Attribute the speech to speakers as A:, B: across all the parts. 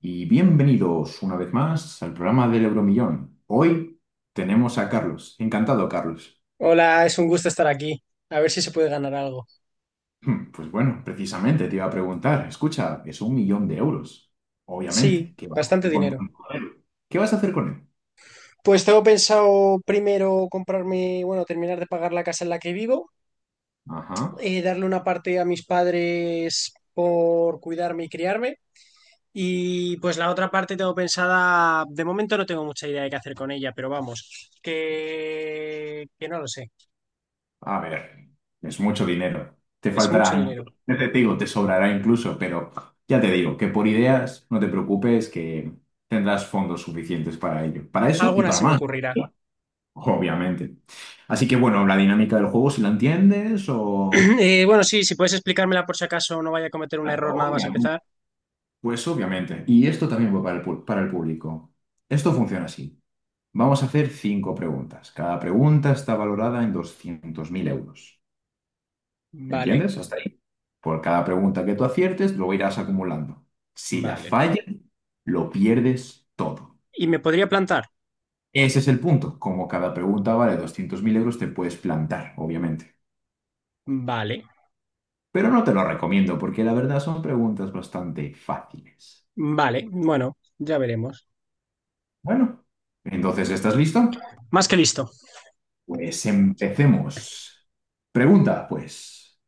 A: Y bienvenidos una vez más al programa del Euromillón. Hoy tenemos a Carlos. Encantado, Carlos.
B: Hola, es un gusto estar aquí. A ver si se puede ganar algo.
A: Pues bueno, precisamente te iba a preguntar, escucha, es un millón de euros. Obviamente,
B: Sí,
A: ¿qué vas a
B: bastante
A: hacer con
B: dinero.
A: tanto dinero? ¿Qué vas a hacer con él?
B: Pues tengo pensado primero comprarme, bueno, terminar de pagar la casa en la que vivo,
A: Ajá.
B: darle una parte a mis padres por cuidarme y criarme. Y pues la otra parte tengo pensada, de momento no tengo mucha idea de qué hacer con ella, pero vamos, que no lo sé.
A: A ver, es mucho dinero. Te
B: Es
A: faltará,
B: mucho dinero.
A: incluso, te digo, te sobrará incluso, pero ya te digo que por ideas no te preocupes que tendrás fondos suficientes para ello. Para eso y
B: Alguna
A: para
B: se me
A: más.
B: ocurrirá.
A: Obviamente. Así que bueno, la dinámica del juego, si la entiendes o...
B: Bueno, sí, si puedes explicármela por si acaso no vaya a cometer un
A: Claro,
B: error nada más
A: obviamente.
B: empezar.
A: Pues obviamente. Y esto también va para el público. Esto funciona así. Vamos a hacer cinco preguntas. Cada pregunta está valorada en 200.000 euros.
B: Vale,
A: ¿Entiendes? Hasta ahí. Por cada pregunta que tú aciertes, lo irás acumulando. Si la
B: vale.
A: fallas, lo pierdes todo.
B: ¿Y me podría plantar?
A: Ese es el punto. Como cada pregunta vale 200.000 euros, te puedes plantar, obviamente.
B: Vale,
A: Pero no te lo recomiendo porque la verdad son preguntas bastante fáciles.
B: vale, bueno, ya veremos.
A: Bueno, entonces, ¿estás listo?
B: Más que listo.
A: Pues empecemos. Pregunta, pues,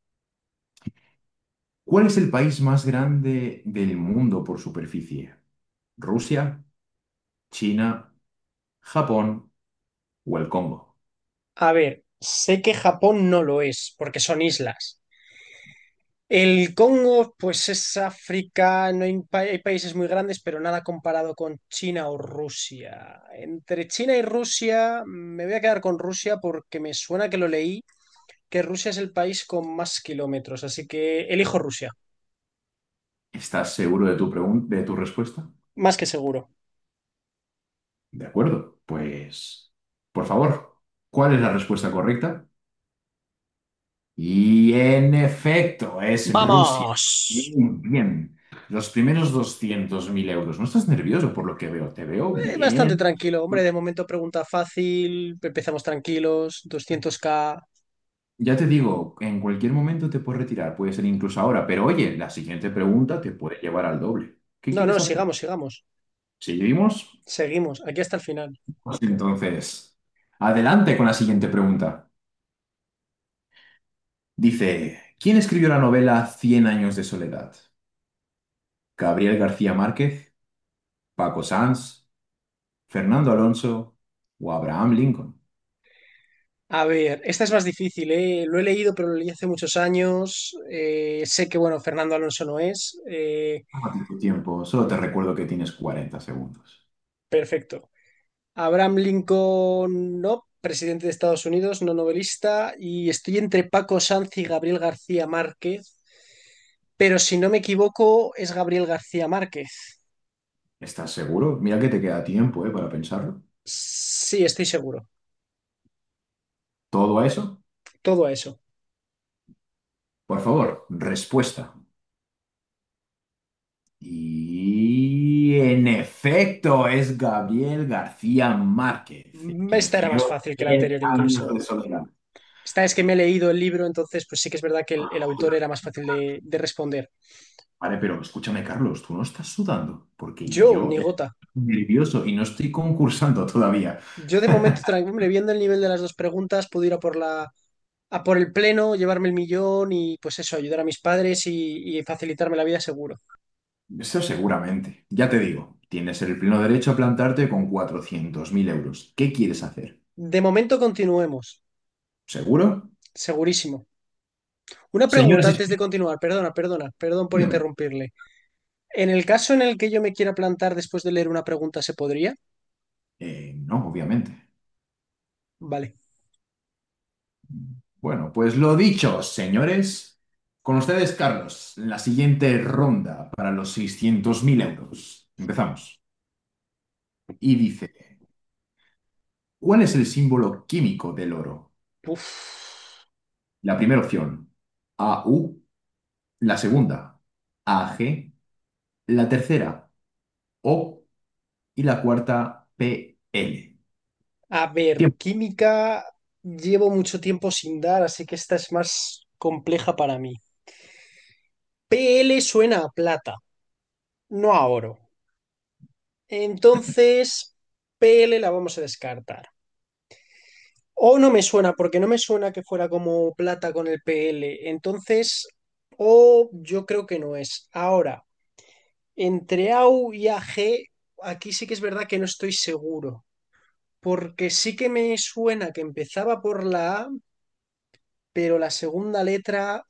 A: ¿cuál es el país más grande del mundo por superficie? ¿Rusia, China, Japón o el Congo?
B: A ver, sé que Japón no lo es, porque son islas. El Congo, pues es África, no hay, hay países muy grandes, pero nada comparado con China o Rusia. Entre China y Rusia, me voy a quedar con Rusia porque me suena que lo leí, que Rusia es el país con más kilómetros, así que elijo Rusia,
A: ¿Estás seguro de tu respuesta?
B: más que seguro.
A: De acuerdo, pues, por favor, ¿cuál es la respuesta correcta? Y en efecto, es Rusia.
B: ¡Vamos!
A: Bien, bien. Los primeros 200.000 euros. ¿No estás nervioso por lo que veo? Te veo
B: Bastante
A: bien.
B: tranquilo, hombre,
A: Bueno,
B: de momento pregunta fácil, empezamos tranquilos, 200K.
A: ya te digo, en cualquier momento te puedes retirar, puede ser incluso ahora, pero oye, la siguiente pregunta te puede llevar al doble. ¿Qué
B: No, no,
A: quieres hacer?
B: sigamos, sigamos.
A: ¿Seguimos?
B: Seguimos, aquí hasta el final.
A: Pues entonces, adelante con la siguiente pregunta. Dice, ¿quién escribió la novela Cien años de soledad? ¿Gabriel García Márquez? ¿Paco Sanz? Fernando Alonso o Abraham Lincoln.
B: A ver, esta es más difícil, ¿eh? Lo he leído, pero lo leí hace muchos años. Sé que, bueno, Fernando Alonso no es.
A: Tómate tu tiempo, solo te recuerdo que tienes 40 segundos.
B: Perfecto. Abraham Lincoln, no, presidente de Estados Unidos, no novelista. Y estoy entre Paco Sanz y Gabriel García Márquez. Pero si no me equivoco, es Gabriel García Márquez.
A: ¿Estás seguro? Mira que te queda tiempo, para pensarlo.
B: Sí, estoy seguro.
A: ¿Todo a eso?
B: Todo eso.
A: Por favor, respuesta. Y en efecto, es Gabriel García Márquez, quien
B: Esta era más
A: escribió
B: fácil que la
A: Cien
B: anterior
A: años de
B: incluso.
A: soledad.
B: Esta es que me he leído el libro, entonces pues sí que es verdad que el autor era más fácil de responder.
A: Vale, pero escúchame, Carlos, tú no estás sudando, porque
B: Yo,
A: yo
B: ni
A: estoy
B: gota.
A: nervioso y no estoy concursando todavía.
B: Yo de momento, hombre, viendo el nivel de las dos preguntas, puedo ir a por el pleno, llevarme el millón y pues eso, ayudar a mis padres y facilitarme la vida seguro.
A: Eso seguramente. Ya te digo, tienes el pleno derecho a plantarte con 400.000 euros. ¿Qué quieres hacer?
B: De momento continuemos,
A: ¿Seguro?
B: segurísimo. Una pregunta
A: Señoras y
B: antes de
A: señores,
B: continuar, perdón por
A: dígame.
B: interrumpirle. En el caso en el que yo me quiera plantar después de leer una pregunta, ¿se podría?
A: No, obviamente.
B: Vale.
A: Bueno, pues lo dicho, señores. Con ustedes, Carlos, la siguiente ronda para los 600.000 euros. Empezamos. Y dice, ¿cuál es el símbolo químico del oro?
B: Uf.
A: La primera opción, AU. La segunda, AG. La tercera, O. Y la cuarta, PL.
B: A ver,
A: Tiempo.
B: química llevo mucho tiempo sin dar, así que esta es más compleja para mí. PL suena a plata, no a oro. Entonces, PL la vamos a descartar. O no me suena, porque no me suena que fuera como plata con el PL. Entonces, O yo creo que no es. Ahora, entre a u y a g aquí sí que es verdad que no estoy seguro, porque sí que me suena que empezaba por la A, pero la segunda letra.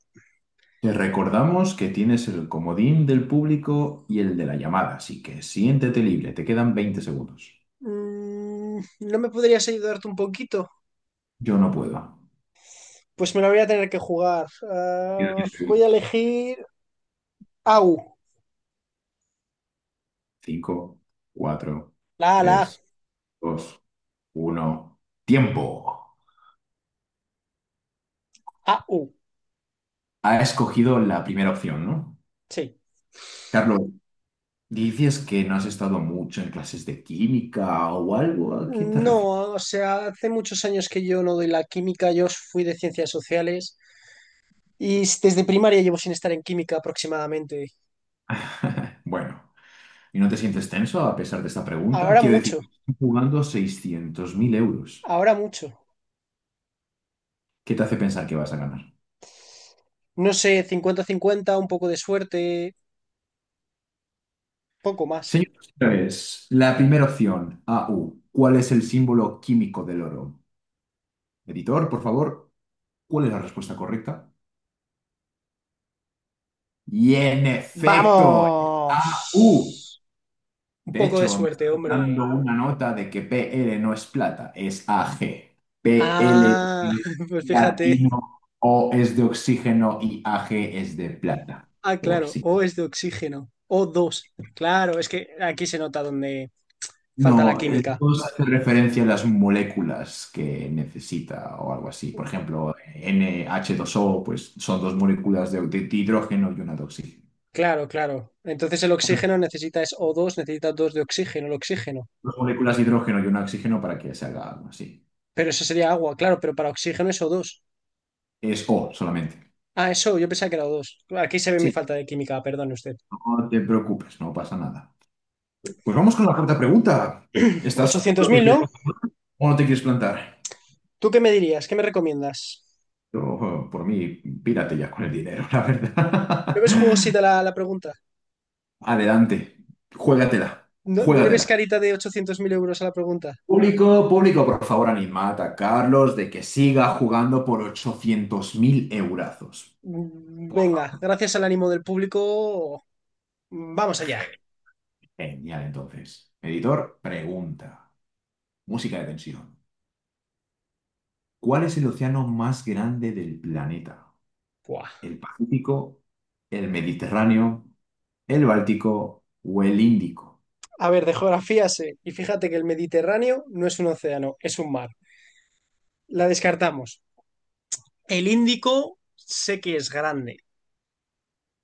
A: Te recordamos que tienes el comodín del público y el de la llamada, así que siéntete libre, te quedan 20 segundos.
B: ¿No me podrías ayudarte un poquito?
A: Yo no puedo.
B: Pues me la voy a tener que jugar.
A: Quedan
B: Ah,
A: 10
B: voy a
A: segundos.
B: elegir A U.
A: 5, 4,
B: La,
A: 3, 2, 1. ¡Tiempo!
B: A. U.
A: Ha escogido la primera opción, ¿no?
B: Sí.
A: Carlos, dices que no has estado mucho en clases de química o algo. ¿A qué te refieres?
B: No, o sea, hace muchos años que yo no doy la química. Yo fui de ciencias sociales y desde primaria llevo sin estar en química aproximadamente.
A: Bueno. ¿Y no te sientes tenso a pesar de esta pregunta?
B: Ahora
A: Quiero decir,
B: mucho,
A: estás jugando 600.000 euros.
B: ahora mucho.
A: ¿Qué te hace pensar que vas a ganar?
B: No sé, 50-50, un poco de suerte, poco más.
A: Señor, señores, la primera opción, AU. ¿Cuál es el símbolo químico del oro? Editor, por favor, ¿cuál es la respuesta correcta? Y en efecto, es AU.
B: ¡Vamos! Un
A: De
B: poco de
A: hecho, me
B: suerte,
A: está dando
B: hombre.
A: una nota de que PL no es plata, es AG. PL
B: Ah,
A: es
B: pues fíjate.
A: platino, O es de oxígeno y AG es de plata.
B: Ah,
A: Por
B: claro,
A: si
B: O es de oxígeno. O dos. Claro, es que aquí se nota donde falta la
A: No, el
B: química.
A: dos hace referencia a las moléculas que necesita o algo así. Por ejemplo, NH2O, pues son dos moléculas de hidrógeno y una de oxígeno.
B: Claro, claro. Entonces el oxígeno necesita es o 2, necesita dos de oxígeno, el oxígeno.
A: Dos moléculas de hidrógeno y una de oxígeno para que se haga algo así.
B: Pero eso sería agua, claro, pero para oxígeno es o dos.
A: Es O solamente.
B: Ah, eso, yo pensaba que era O2. Aquí se ve mi
A: Sí,
B: falta de química, perdone usted.
A: no te preocupes, no pasa nada. Pues vamos con la cuarta pregunta. ¿Estás
B: Ochocientos
A: seguro que
B: mil,
A: quieres
B: ¿no?
A: o no te quieres plantar?
B: ¿Tú qué me dirías? ¿Qué me recomiendas?
A: Yo, por mí, pírate ya con el dinero, la
B: ¿No
A: verdad.
B: ves jugosita la pregunta?
A: Adelante, juégatela,
B: ¿No, no le ves
A: juégatela.
B: carita de 800.000 euros a la pregunta?
A: Público, público, por favor, animad a Carlos de que siga jugando por 800.000 eurazos.
B: Venga, gracias al ánimo del público. Vamos allá.
A: Genial, entonces. Editor, pregunta. Música de tensión. ¿Cuál es el océano más grande del planeta?
B: Buah.
A: ¿El Pacífico, el Mediterráneo, el Báltico o el Índico?
B: A ver, de geografía sé. Y fíjate que el Mediterráneo no es un océano, es un mar. La descartamos. El Índico sé que es grande.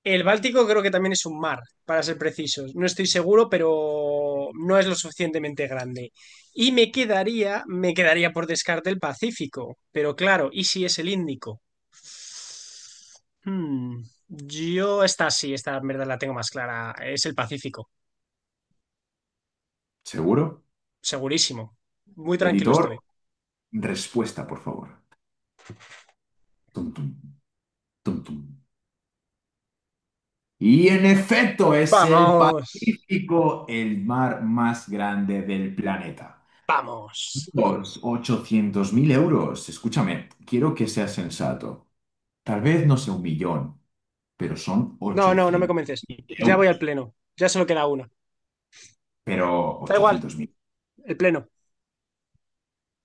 B: El Báltico creo que también es un mar, para ser precisos. No estoy seguro, pero no es lo suficientemente grande. Y me quedaría por descarte el Pacífico. Pero claro, ¿y si es el Índico? Hmm, Yo esta sí, esta en verdad la tengo más clara. Es el Pacífico,
A: ¿Seguro?
B: segurísimo. Muy tranquilo
A: Editor,
B: estoy.
A: respuesta, por favor. Tum, tum, tum, tum. Y en efecto, es el
B: Vamos.
A: Pacífico, el mar más grande del planeta.
B: Vamos.
A: Los 800 mil euros. Escúchame, quiero que seas sensato. Tal vez no sea un millón, pero son
B: No, no, no me
A: 800
B: convences. Ya voy al
A: euros.
B: pleno. Ya solo queda uno.
A: Pero
B: Da igual,
A: 800.000.
B: el pleno.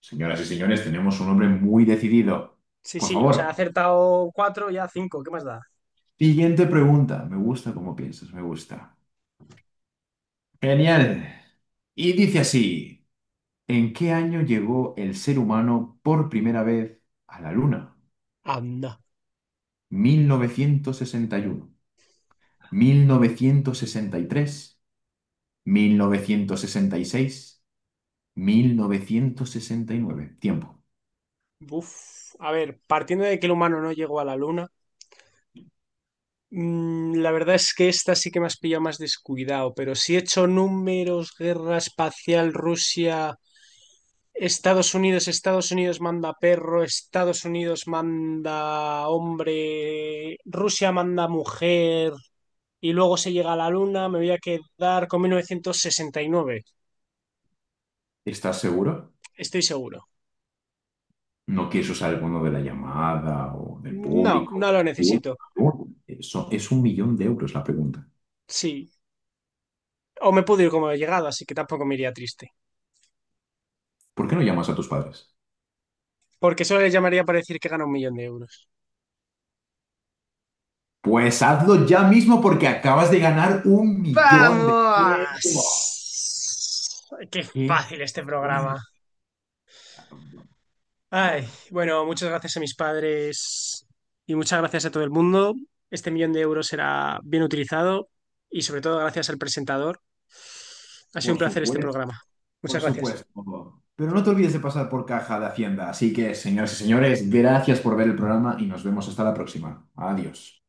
A: Señoras y señores, tenemos un hombre muy decidido.
B: Sí,
A: Por
B: sí, o
A: favor,
B: sea, he acertado cuatro, ya cinco. ¿Qué más da?
A: siguiente pregunta. Me gusta cómo piensas, me gusta. Genial. Y dice así. ¿En qué año llegó el ser humano por primera vez a la Luna?
B: Anda.
A: ¿1961, 1963, 1966, 1969? Tiempo.
B: Uf. A ver, partiendo de que el humano no llegó a la luna, la verdad es que esta sí que me has pillado más descuidado, pero si he hecho números, guerra espacial, Rusia, Estados Unidos, Estados Unidos manda perro, Estados Unidos manda hombre, Rusia manda mujer, y luego se llega a la Luna, me voy a quedar con 1969,
A: ¿Estás seguro?
B: estoy seguro.
A: ¿No quieres usar alguno de la llamada o del
B: No,
A: público?
B: no lo necesito.
A: Eso es un millón de euros la pregunta.
B: Sí. O me puedo ir como he llegado, así que tampoco me iría triste.
A: ¿Por qué no llamas a tus padres?
B: Porque solo le llamaría para decir que gana un millón de euros.
A: Pues hazlo ya mismo porque acabas de ganar un millón de euros.
B: ¡Vamos! ¡Qué
A: ¡Qué
B: fácil este programa! Ay,
A: Bueno,
B: bueno, muchas gracias a mis padres y muchas gracias a todo el mundo. Este millón de euros será bien utilizado y sobre todo gracias al presentador. Ha sido un
A: por
B: placer este
A: supuesto,
B: programa. Muchas
A: por
B: gracias.
A: supuesto. Pero no te olvides de pasar por caja de Hacienda. Así que, señoras y señores, gracias por ver el programa y nos vemos hasta la próxima. Adiós.